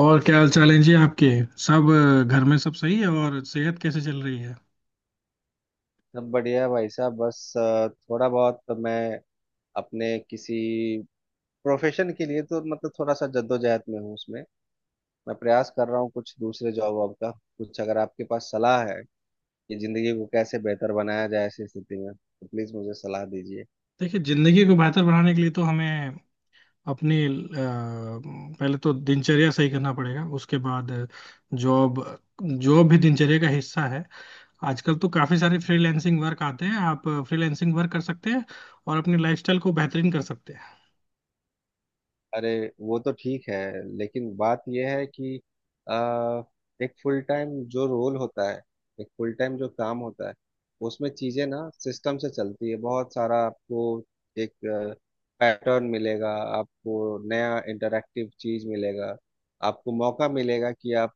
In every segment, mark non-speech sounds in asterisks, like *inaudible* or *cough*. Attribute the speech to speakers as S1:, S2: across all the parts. S1: और क्या हाल चाल है जी आपके। सब घर में सब सही है। और सेहत कैसे चल रही है?
S2: सब बढ़िया है भाई साहब। बस थोड़ा बहुत मैं अपने किसी प्रोफेशन के लिए तो मतलब थोड़ा सा जद्दोजहद में हूँ उसमें। मैं प्रयास कर रहा हूँ कुछ दूसरे जॉब वॉब का। कुछ अगर आपके पास सलाह है कि जिंदगी को कैसे बेहतर बनाया जाए ऐसी स्थिति में तो प्लीज मुझे सलाह दीजिए।
S1: देखिए, जिंदगी को बेहतर बनाने के लिए तो हमें अपनी पहले तो दिनचर्या सही करना पड़ेगा। उसके बाद जॉब, जॉब भी दिनचर्या का हिस्सा है। आजकल तो काफी सारे फ्रीलैंसिंग वर्क आते हैं, आप फ्रीलैंसिंग वर्क कर सकते हैं और अपनी लाइफस्टाइल को बेहतरीन कर सकते हैं।
S2: अरे वो तो ठीक है, लेकिन बात यह है कि आ, एक फुल टाइम जो रोल होता है, एक फुल टाइम जो काम होता है, उसमें चीजें ना सिस्टम से चलती है। बहुत सारा आपको एक पैटर्न मिलेगा। आपको नया इंटरैक्टिव चीज मिलेगा। आपको मौका मिलेगा कि आप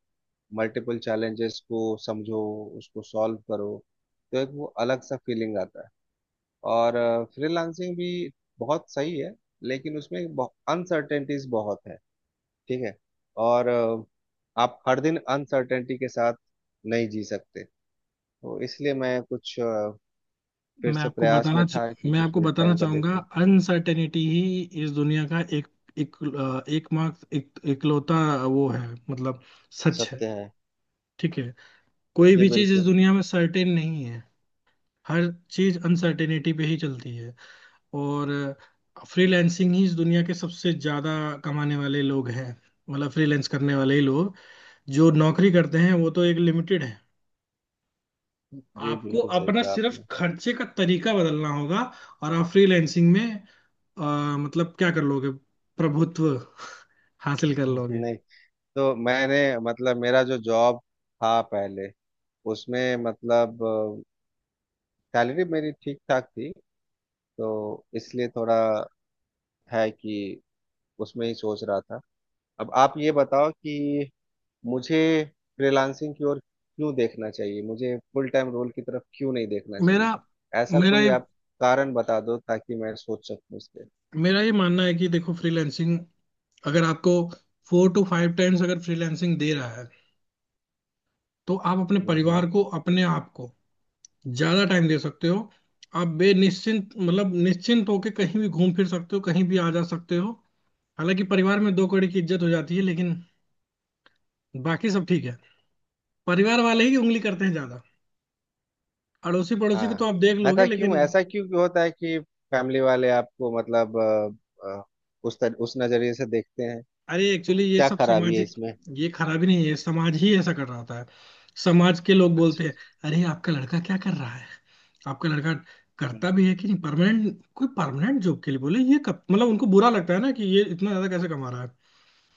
S2: मल्टीपल चैलेंजेस को समझो, उसको सॉल्व करो। तो एक वो अलग सा फीलिंग आता है। और फ्रीलांसिंग भी बहुत सही है, लेकिन उसमें अनसर्टेनिटीज बहुत है। ठीक है। और आप हर दिन अनसर्टेनिटी के साथ नहीं जी सकते। तो इसलिए मैं कुछ फिर
S1: मैं
S2: से
S1: आपको
S2: प्रयास
S1: बताना
S2: में
S1: च-
S2: था कि
S1: मैं
S2: कुछ
S1: आपको
S2: फुल
S1: बताना
S2: टाइम का
S1: चाहूंगा,
S2: देखूं।
S1: अनसर्टेनिटी ही इस दुनिया का एक एक अ, एकमात्र इकलौता वो है, मतलब सच है।
S2: सत्य है।
S1: ठीक है, कोई
S2: जी
S1: भी चीज इस
S2: बिल्कुल।
S1: दुनिया में सर्टेन नहीं है। हर चीज अनसर्टेनिटी पे ही चलती है। और फ्रीलैंसिंग ही इस दुनिया के सबसे ज्यादा कमाने वाले लोग हैं, मतलब फ्रीलैंस करने वाले ही लोग। जो नौकरी करते हैं वो तो एक लिमिटेड है।
S2: जी
S1: आपको
S2: बिल्कुल सही
S1: अपना
S2: कहा
S1: सिर्फ
S2: आपने।
S1: खर्चे का तरीका बदलना होगा, और आप फ्रीलैंसिंग में अ, मतलब क्या कर लोगे? प्रभुत्व *laughs* हासिल कर
S2: *laughs*
S1: लोगे।
S2: नहीं। तो मैंने, मतलब मेरा जो जॉब था पहले, उसमें मतलब सैलरी मेरी ठीक ठाक थी। तो इसलिए थोड़ा है कि उसमें ही सोच रहा था। अब आप ये बताओ कि मुझे फ्रीलांसिंग की ओर क्यों देखना चाहिए, मुझे फुल टाइम रोल की तरफ क्यों नहीं देखना चाहिए।
S1: मेरा
S2: ऐसा
S1: मेरा
S2: कोई
S1: ये
S2: आप कारण बता दो ताकि मैं सोच सकूं इस पे।
S1: मेरा ये मानना है कि देखो, फ्रीलैंसिंग अगर आपको 4 to 5 times अगर फ्रीलैंसिंग दे रहा है तो आप अपने
S2: हम्म
S1: परिवार
S2: हम्म,
S1: को, अपने आप को ज्यादा टाइम दे सकते हो। आप बेनिश्चिंत मतलब निश्चिंत होकर कहीं भी घूम फिर सकते हो, कहीं भी आ जा सकते हो। हालांकि परिवार में दो कौड़ी की इज्जत हो जाती है, लेकिन बाकी सब ठीक है। परिवार वाले ही उंगली करते हैं ज्यादा। अड़ोसी पड़ोसी को
S2: हाँ।
S1: तो आप देख लोगे,
S2: ऐसा
S1: लेकिन
S2: क्यों, ऐसा क्यों क्यों होता है कि फैमिली वाले आपको मतलब अ, अ, उस नजरिए से देखते हैं।
S1: अरे, एक्चुअली ये
S2: क्या
S1: सब
S2: खराबी है
S1: सामाजिक,
S2: इसमें।
S1: ये खराबी नहीं है, समाज ही ऐसा कर रहा होता है। समाज के लोग बोलते
S2: अच्छा अच्छा।
S1: हैं, अरे आपका लड़का क्या कर रहा है? आपका लड़का
S2: हम्म,
S1: करता भी है कि नहीं परमानेंट, कोई परमानेंट जॉब के लिए बोले। ये कब मतलब उनको बुरा लगता है ना कि ये इतना ज्यादा कैसे कमा रहा है।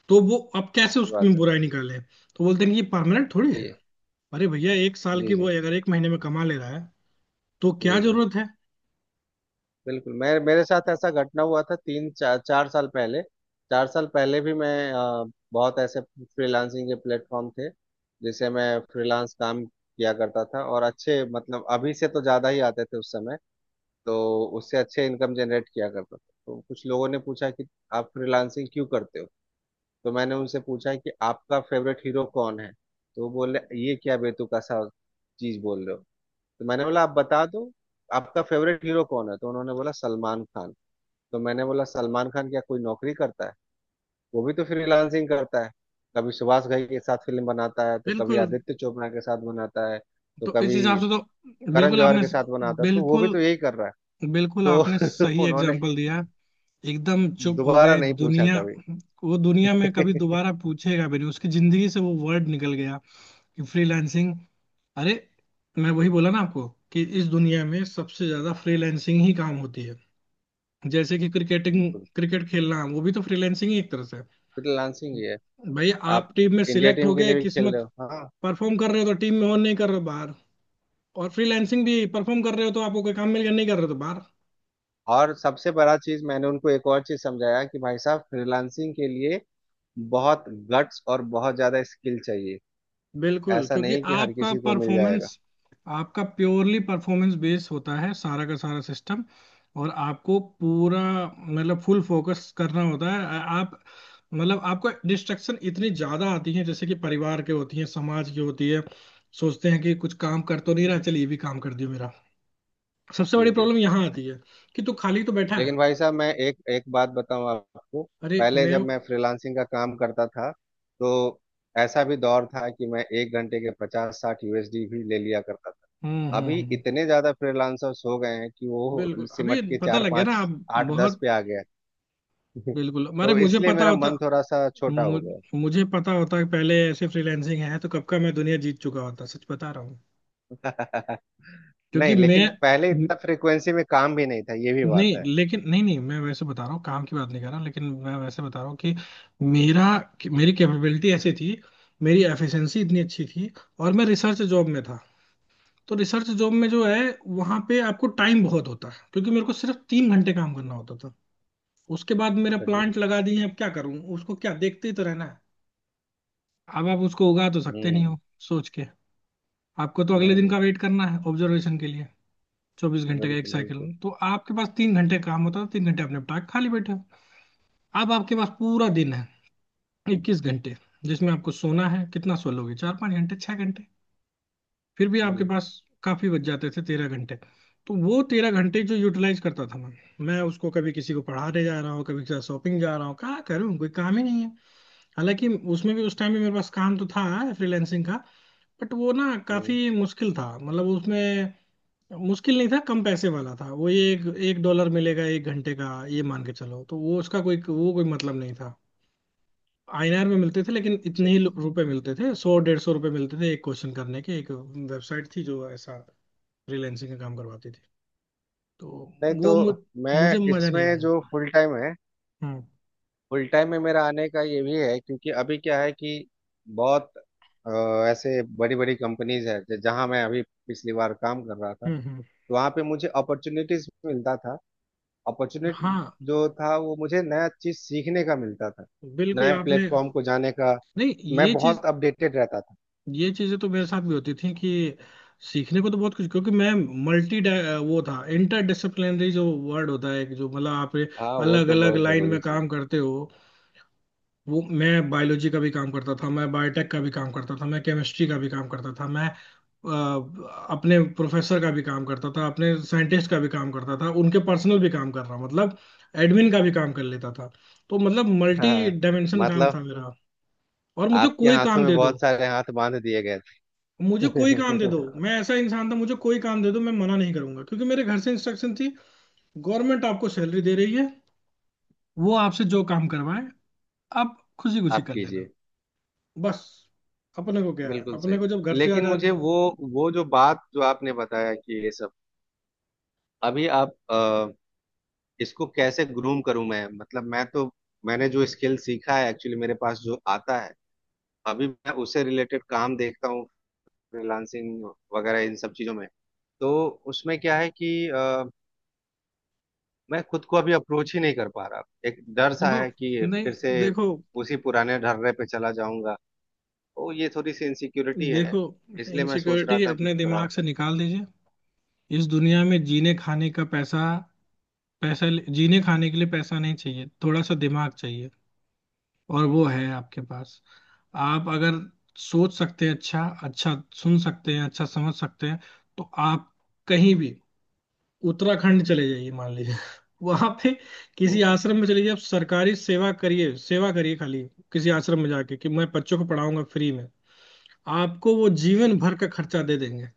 S1: तो वो अब कैसे
S2: ये बात
S1: उसमें
S2: है।
S1: बुराई निकाले, तो बोलते हैं कि ये परमानेंट थोड़ी
S2: सही
S1: है।
S2: है।
S1: अरे भैया, 1 साल
S2: जी
S1: की
S2: जी।
S1: वो अगर 1 महीने में कमा ले रहा है तो क्या
S2: जी जी,
S1: जरूरत है?
S2: बिल्कुल। मैं, मेरे साथ ऐसा घटना हुआ था 3-4 साल पहले। 4 साल पहले भी मैं बहुत ऐसे फ्रीलांसिंग के प्लेटफॉर्म थे जिसे मैं फ्रीलांस काम किया करता था। और अच्छे, मतलब अभी से तो ज़्यादा ही आते थे उस समय। तो उससे अच्छे इनकम जनरेट किया करता था। तो कुछ लोगों ने पूछा कि आप फ्रीलांसिंग क्यों करते हो। तो मैंने उनसे पूछा कि आपका फेवरेट हीरो कौन है। तो वो बोले ये क्या बेतुका सा चीज़ बोल रहे हो। तो मैंने बोला आप बता दो आपका फेवरेट हीरो कौन है। तो उन्होंने बोला सलमान खान। तो मैंने बोला सलमान खान क्या कोई नौकरी करता है। वो भी तो फ्रीलांसिंग करता है। कभी सुभाष घई के साथ फिल्म बनाता है, तो कभी
S1: बिल्कुल।
S2: आदित्य चोपड़ा के साथ बनाता है, तो
S1: तो इस
S2: कभी
S1: हिसाब से तो
S2: करण
S1: बिल्कुल
S2: जौहर
S1: आपने,
S2: के साथ बनाता है। तो वो भी
S1: बिल्कुल,
S2: तो यही कर रहा है।
S1: बिल्कुल आपने
S2: तो *laughs*
S1: सही
S2: उन्होंने
S1: एग्जाम्पल दिया। एकदम चुप हो
S2: दोबारा
S1: गए
S2: नहीं पूछा
S1: दुनिया।
S2: कभी।
S1: वो दुनिया में कभी
S2: *laughs*
S1: दोबारा पूछेगा भी नहीं, उसकी जिंदगी से वो वर्ड निकल गया कि फ्रीलांसिंग। अरे, मैं वही बोला ना आपको कि इस दुनिया में सबसे ज्यादा फ्रीलांसिंग ही काम होती है। जैसे कि क्रिकेटिंग,
S2: बिल्कुल।
S1: क्रिकेट खेलना, वो भी तो फ्रीलांसिंग ही एक तरह से है।
S2: फ्रीलांसिंग ही है।
S1: भाई आप
S2: आप
S1: टीम में
S2: इंडिया
S1: सिलेक्ट हो
S2: टीम के लिए
S1: गए
S2: भी खेल
S1: किस्मत,
S2: रहे हो, हाँ।
S1: परफॉर्म कर रहे हो तो टीम में हो, नहीं कर रहे हो बाहर। और फ्रीलांसिंग भी, परफॉर्म कर रहे हो तो आपको कोई काम मिल गया, नहीं कर रहे हो तो बाहर।
S2: और सबसे बड़ा चीज मैंने उनको एक और चीज समझाया कि भाई साहब, फ्रीलांसिंग के लिए बहुत गट्स और बहुत ज्यादा स्किल चाहिए।
S1: बिल्कुल,
S2: ऐसा
S1: क्योंकि
S2: नहीं कि हर
S1: आपका
S2: किसी को मिल
S1: परफॉर्मेंस,
S2: जाएगा।
S1: आपका प्योरली परफॉर्मेंस बेस होता है, सारा का सारा सिस्टम। और आपको पूरा मतलब फुल फोकस करना होता है। आप मतलब आपको डिस्ट्रक्शन इतनी ज्यादा आती है, जैसे कि परिवार के होती है, समाज की होती है। सोचते हैं कि कुछ काम कर तो नहीं रहा, चल ये भी काम कर दियो मेरा। सबसे
S2: जी
S1: बड़ी
S2: जी।
S1: प्रॉब्लम यहाँ आती है कि तू खाली तो बैठा है।
S2: लेकिन भाई साहब, मैं एक एक बात बताऊं आपको।
S1: अरे
S2: पहले
S1: मैं,
S2: जब मैं फ्रीलांसिंग का काम करता था, तो ऐसा भी दौर था कि मैं एक घंटे के 50-60 USD भी ले लिया करता था।
S1: हम्म हम्म
S2: अभी
S1: हम्म,
S2: इतने ज्यादा फ्रीलांसर्स हो गए हैं कि वो
S1: बिल्कुल अभी
S2: सिमट के
S1: पता
S2: चार
S1: लग गया ना
S2: पाँच
S1: आप।
S2: 8-10
S1: बहुत
S2: पे आ गया है।
S1: बिल्कुल,
S2: *laughs*
S1: अरे
S2: तो
S1: मुझे
S2: इसलिए
S1: पता
S2: मेरा
S1: होता,
S2: मन थोड़ा सा छोटा
S1: मु,
S2: हो गया।
S1: मुझे पता होता कि पहले ऐसे फ्रीलांसिंग है तो कब का मैं दुनिया जीत चुका होता, सच बता रहा हूँ।
S2: *laughs*
S1: क्योंकि
S2: नहीं,
S1: मैं,
S2: लेकिन पहले इतना फ्रिक्वेंसी में काम भी नहीं था, ये भी बात
S1: नहीं
S2: है।
S1: लेकिन, नहीं नहीं, मैं वैसे बता रहा हूँ काम की बात नहीं कर रहा, लेकिन मैं वैसे बता रहा हूँ कि मेरा कि मेरी कैपेबिलिटी ऐसी थी, मेरी एफिशिएंसी इतनी अच्छी थी। और मैं रिसर्च जॉब में था। तो रिसर्च जॉब में जो है, वहाँ पे आपको टाइम बहुत होता है, क्योंकि मेरे को सिर्फ 3 घंटे काम करना होता था। उसके बाद मेरा प्लांट लगा दिए, अब क्या करूँ उसको, क्या देखते ही तो रहना है, अब आप उसको उगा तो सकते नहीं
S2: हम्म।
S1: हो सोच के। आपको तो अगले
S2: नहीं
S1: दिन
S2: नहीं।
S1: का वेट करना है ऑब्जर्वेशन के लिए। 24 घंटे का एक
S2: बिल्कुल
S1: साइकिल,
S2: बिल्कुल।
S1: तो आपके पास 3 घंटे काम होता है, 3 घंटे आप निपटा के खाली बैठे हो। अब आपके पास पूरा दिन है, 21 घंटे, जिसमें आपको सोना है, कितना सो लोगे? 4-5 घंटे, 6 घंटे। फिर भी आपके
S2: हम्म
S1: पास काफी बच जाते थे 13 घंटे। तो वो 13 घंटे जो यूटिलाइज करता था मैं, उसको कभी किसी को पढ़ाने जा रहा हूँ, कभी किसी शॉपिंग जा रहा हूँ, क्या करूँ कोई काम ही नहीं है। हालांकि उसमें भी, उस टाइम भी मेरे पास काम तो था फ्रीलैंसिंग का, बट वो ना
S2: हम्म।
S1: काफी मुश्किल था, मतलब उसमें मुश्किल नहीं था, कम पैसे वाला था वो। ये $1 मिलेगा 1 घंटे का, ये मान के चलो, तो वो उसका कोई, वो कोई मतलब नहीं था। INR में मिलते थे लेकिन
S2: अच्छा
S1: इतने ही
S2: अच्छा।
S1: रुपए मिलते थे, 100-150 रुपए मिलते थे एक क्वेश्चन करने के। एक वेबसाइट थी जो ऐसा फ्रीलैंसिंग का काम करवाती थी। तो
S2: नहीं, तो
S1: वो मु,
S2: मैं
S1: मुझे मजा नहीं
S2: इसमें
S1: आया।
S2: जो फुल टाइम है,
S1: हम्म
S2: फुल टाइम में मेरा आने का ये भी है, क्योंकि अभी क्या है कि बहुत अ, ऐसे बड़ी बड़ी कंपनीज है जहाँ मैं अभी पिछली बार काम कर रहा था।
S1: हम्म हम्म।
S2: तो वहाँ पे मुझे अपॉर्चुनिटीज मिलता था। अपॉर्चुनिटी
S1: हाँ
S2: जो था, वो मुझे नया चीज सीखने का मिलता था।
S1: बिल्कुल
S2: नए
S1: आपने,
S2: प्लेटफॉर्म को जाने का।
S1: नहीं,
S2: मैं
S1: ये चीज,
S2: बहुत अपडेटेड रहता था।
S1: ये चीजें तो मेरे साथ भी होती थी कि सीखने को तो बहुत कुछ, क्योंकि मैं मल्टी, वो था इंटर डिसिप्लिनरी जो वर्ड होता है, कि जो मतलब आप
S2: हाँ, वो
S1: अलग
S2: तो
S1: अलग
S2: बहुत
S1: लाइन में
S2: जरूरी चीज
S1: काम करते हो। वो मैं बायोलॉजी का भी काम करता था, मैं बायोटेक का भी काम करता था, मैं केमिस्ट्री का भी काम करता था, मैं अपने प्रोफेसर का भी काम करता था, अपने साइंटिस्ट का भी काम करता था, उनके पर्सनल भी काम कर रहा, मतलब एडमिन का भी काम कर लेता था। तो मतलब
S2: है।
S1: मल्टी
S2: हाँ,
S1: डायमेंशन काम था
S2: मतलब
S1: मेरा। और मुझे
S2: आपके
S1: कोई
S2: हाथों
S1: काम
S2: में
S1: दे दो,
S2: बहुत सारे हाथ बांध दिए गए
S1: मुझे कोई काम दे दो,
S2: थे।
S1: मैं
S2: *laughs*
S1: ऐसा इंसान था, मुझे कोई काम दे दो मैं मना नहीं करूंगा, क्योंकि मेरे घर से इंस्ट्रक्शन थी, गवर्नमेंट आपको सैलरी दे रही है, वो आपसे जो काम करवाए आप खुशी खुशी
S2: आप
S1: कर लेना,
S2: कीजिए।
S1: बस। अपने को क्या है,
S2: बिल्कुल
S1: अपने
S2: सही।
S1: को जब घर से
S2: लेकिन
S1: आजाद।
S2: मुझे वो जो बात जो आपने बताया कि ये सब अभी आप इसको कैसे ग्रूम करूं मैं। मतलब मैं तो, मैंने जो स्किल सीखा है एक्चुअली मेरे पास जो आता है, अभी मैं उससे रिलेटेड काम देखता हूँ, फ्रीलांसिंग वगैरह इन सब चीजों में। तो उसमें क्या है कि मैं खुद को अभी अप्रोच ही नहीं कर पा रहा। एक डर सा
S1: देखो,
S2: है कि
S1: नहीं
S2: फिर से
S1: देखो,
S2: उसी पुराने ढर्रे पे चला जाऊंगा। तो ये थोड़ी सी इनसिक्योरिटी है।
S1: देखो,
S2: इसलिए मैं सोच रहा
S1: इनसिक्योरिटी
S2: था कि
S1: अपने
S2: थोड़ा।
S1: दिमाग से निकाल दीजिए। इस दुनिया में जीने खाने का पैसा, पैसा जीने खाने के लिए पैसा नहीं चाहिए, थोड़ा सा दिमाग चाहिए, और वो है आपके पास। आप अगर सोच सकते हैं, अच्छा अच्छा सुन सकते हैं, अच्छा समझ सकते हैं, तो आप कहीं भी, उत्तराखंड चले जाइए मान लीजिए *laughs* वहां पे किसी
S2: जी।
S1: आश्रम में चले जाइए, आप सरकारी सेवा करिए, सेवा करिए खाली। किसी आश्रम में जाके कि मैं बच्चों को पढ़ाऊंगा फ्री में, आपको वो जीवन भर का खर्चा दे देंगे,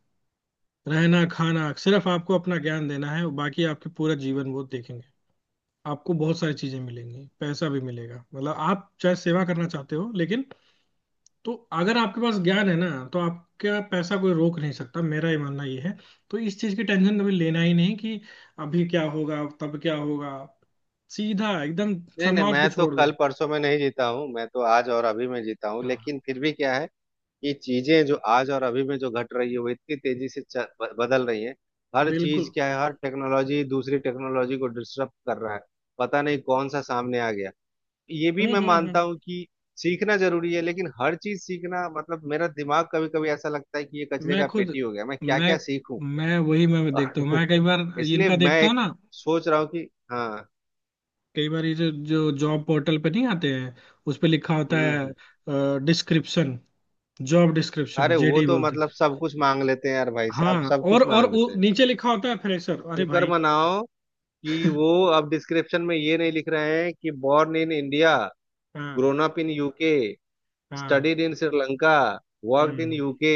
S1: रहना खाना। सिर्फ आपको अपना ज्ञान देना है, बाकी आपके पूरा जीवन वो देखेंगे। आपको बहुत सारी चीजें मिलेंगी, पैसा भी मिलेगा, मतलब आप चाहे सेवा करना चाहते हो लेकिन। तो अगर आपके पास ज्ञान है ना, तो आपका पैसा कोई रोक नहीं सकता, मेरा ये मानना ये है। तो इस चीज की टेंशन कभी लेना ही नहीं कि अभी क्या होगा तब क्या होगा, सीधा एकदम।
S2: नहीं नहीं,
S1: समाज को
S2: मैं तो
S1: छोड़
S2: कल
S1: दो।
S2: परसों में नहीं जीता हूँ, मैं तो आज और अभी में जीता हूँ।
S1: हाँ,
S2: लेकिन फिर भी क्या है कि चीजें जो आज और अभी में जो घट रही है वो इतनी तेजी से बदल रही है। हर चीज
S1: बिल्कुल।
S2: क्या है, हर टेक्नोलॉजी दूसरी टेक्नोलॉजी को डिस्टर्ब कर रहा है। पता नहीं कौन सा सामने आ गया। ये भी मैं मानता
S1: हम्म।
S2: हूँ कि सीखना जरूरी है, लेकिन हर चीज सीखना, मतलब मेरा दिमाग कभी कभी ऐसा लगता है कि ये कचरे
S1: मैं
S2: का
S1: खुद
S2: पेटी हो गया। मैं क्या
S1: मैं
S2: क्या सीखूं।
S1: मैं वही
S2: *laughs*
S1: मैं देखता हूँ,
S2: और
S1: मैं कई बार
S2: इसलिए
S1: इनका
S2: मैं
S1: देखता हूँ
S2: एक
S1: ना,
S2: सोच रहा हूँ कि हाँ।
S1: कई बार ये जो जो जॉब पोर्टल पे नहीं आते हैं, उस पे लिखा होता
S2: हम्म हम्म।
S1: है डिस्क्रिप्शन, जॉब डिस्क्रिप्शन
S2: अरे वो
S1: JD
S2: तो
S1: बोलते हैं।
S2: मतलब सब कुछ मांग लेते हैं यार, भाई साहब,
S1: हाँ,
S2: सब
S1: और
S2: कुछ
S1: और
S2: मांग
S1: वो
S2: लेते हैं।
S1: नीचे लिखा होता है फ्रेशर, अरे
S2: शुक्र
S1: भाई।
S2: मनाओ कि वो अब डिस्क्रिप्शन में ये नहीं लिख रहे हैं कि बॉर्न इन इंडिया,
S1: हाँ
S2: ग्रोन अप इन यूके,
S1: हाँ,
S2: studied in Sri Lanka, worked in
S1: hmm
S2: UK,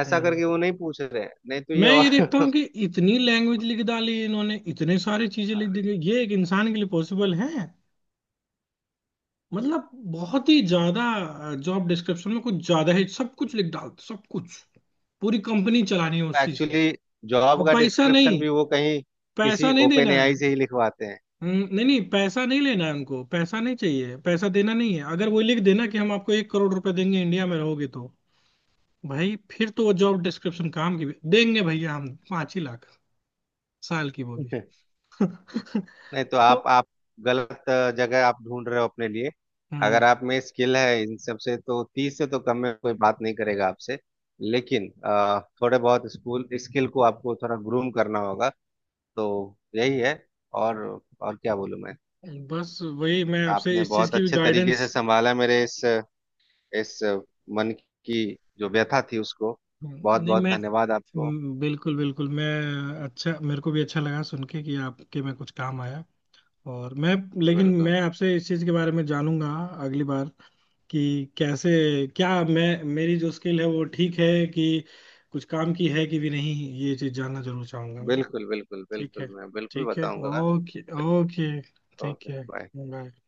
S2: ऐसा
S1: हम्म।
S2: करके वो नहीं पूछ रहे हैं। नहीं तो ये
S1: मैं ये
S2: और
S1: देखता हूँ कि
S2: *laughs*
S1: इतनी लैंग्वेज लिख डाली इन्होंने, इतने सारी चीजें लिख दी गई, ये एक इंसान के लिए पॉसिबल है? मतलब बहुत ही ज्यादा जॉब डिस्क्रिप्शन में कुछ ज्यादा ही सब कुछ लिख डालते, सब कुछ, पूरी कंपनी चलानी है उसी से।
S2: एक्चुअली जॉब
S1: और
S2: का
S1: पैसा
S2: डिस्क्रिप्शन
S1: नहीं,
S2: भी वो कहीं
S1: पैसा
S2: किसी
S1: नहीं
S2: ओपन
S1: देना है।
S2: एआई से ही लिखवाते
S1: नहीं नहीं पैसा नहीं लेना है उनको, पैसा नहीं चाहिए, पैसा देना नहीं है। अगर वो लिख देना कि हम आपको 1 करोड़ रुपए देंगे इंडिया में रहोगे तो भाई, फिर तो वो जॉब डिस्क्रिप्शन काम की देंगे भैया हम 5 ही लाख साल की, वो भी
S2: हैं। *laughs*
S1: *laughs*
S2: नहीं, तो आप
S1: तो
S2: आप गलत जगह आप ढूंढ रहे हो अपने लिए। अगर
S1: हम्म
S2: आप में स्किल है इन सब से तो 30 से तो कम में कोई बात नहीं करेगा आपसे। लेकिन थोड़े बहुत स्कूल स्किल को आपको थोड़ा ग्रूम करना होगा। तो यही है। और और क्या बोलूं मैं।
S1: बस वही, मैं आपसे
S2: आपने
S1: इस चीज
S2: बहुत
S1: की भी
S2: अच्छे तरीके से
S1: गाइडेंस,
S2: संभाला मेरे इस मन की जो व्यथा थी उसको। बहुत
S1: नहीं
S2: बहुत
S1: मैं,
S2: धन्यवाद आपको।
S1: बिल्कुल बिल्कुल, मैं, अच्छा मेरे को भी अच्छा लगा सुन के कि आपके में कुछ काम आया, और मैं,
S2: जी
S1: लेकिन
S2: बिल्कुल
S1: मैं आपसे इस चीज के बारे में जानूंगा अगली बार कि कैसे, क्या मैं, मेरी जो स्किल है वो ठीक है कि कुछ काम की है कि भी नहीं, ये चीज जानना जरूर चाहूंगा मैं।
S2: बिल्कुल। बिल्कुल
S1: ठीक है,
S2: बिल्कुल मैं बिल्कुल
S1: ठीक है,
S2: बताऊंगा।
S1: ओके
S2: चलिए,
S1: ओके, ठीक
S2: ओके
S1: है।
S2: बाय।
S1: बाय।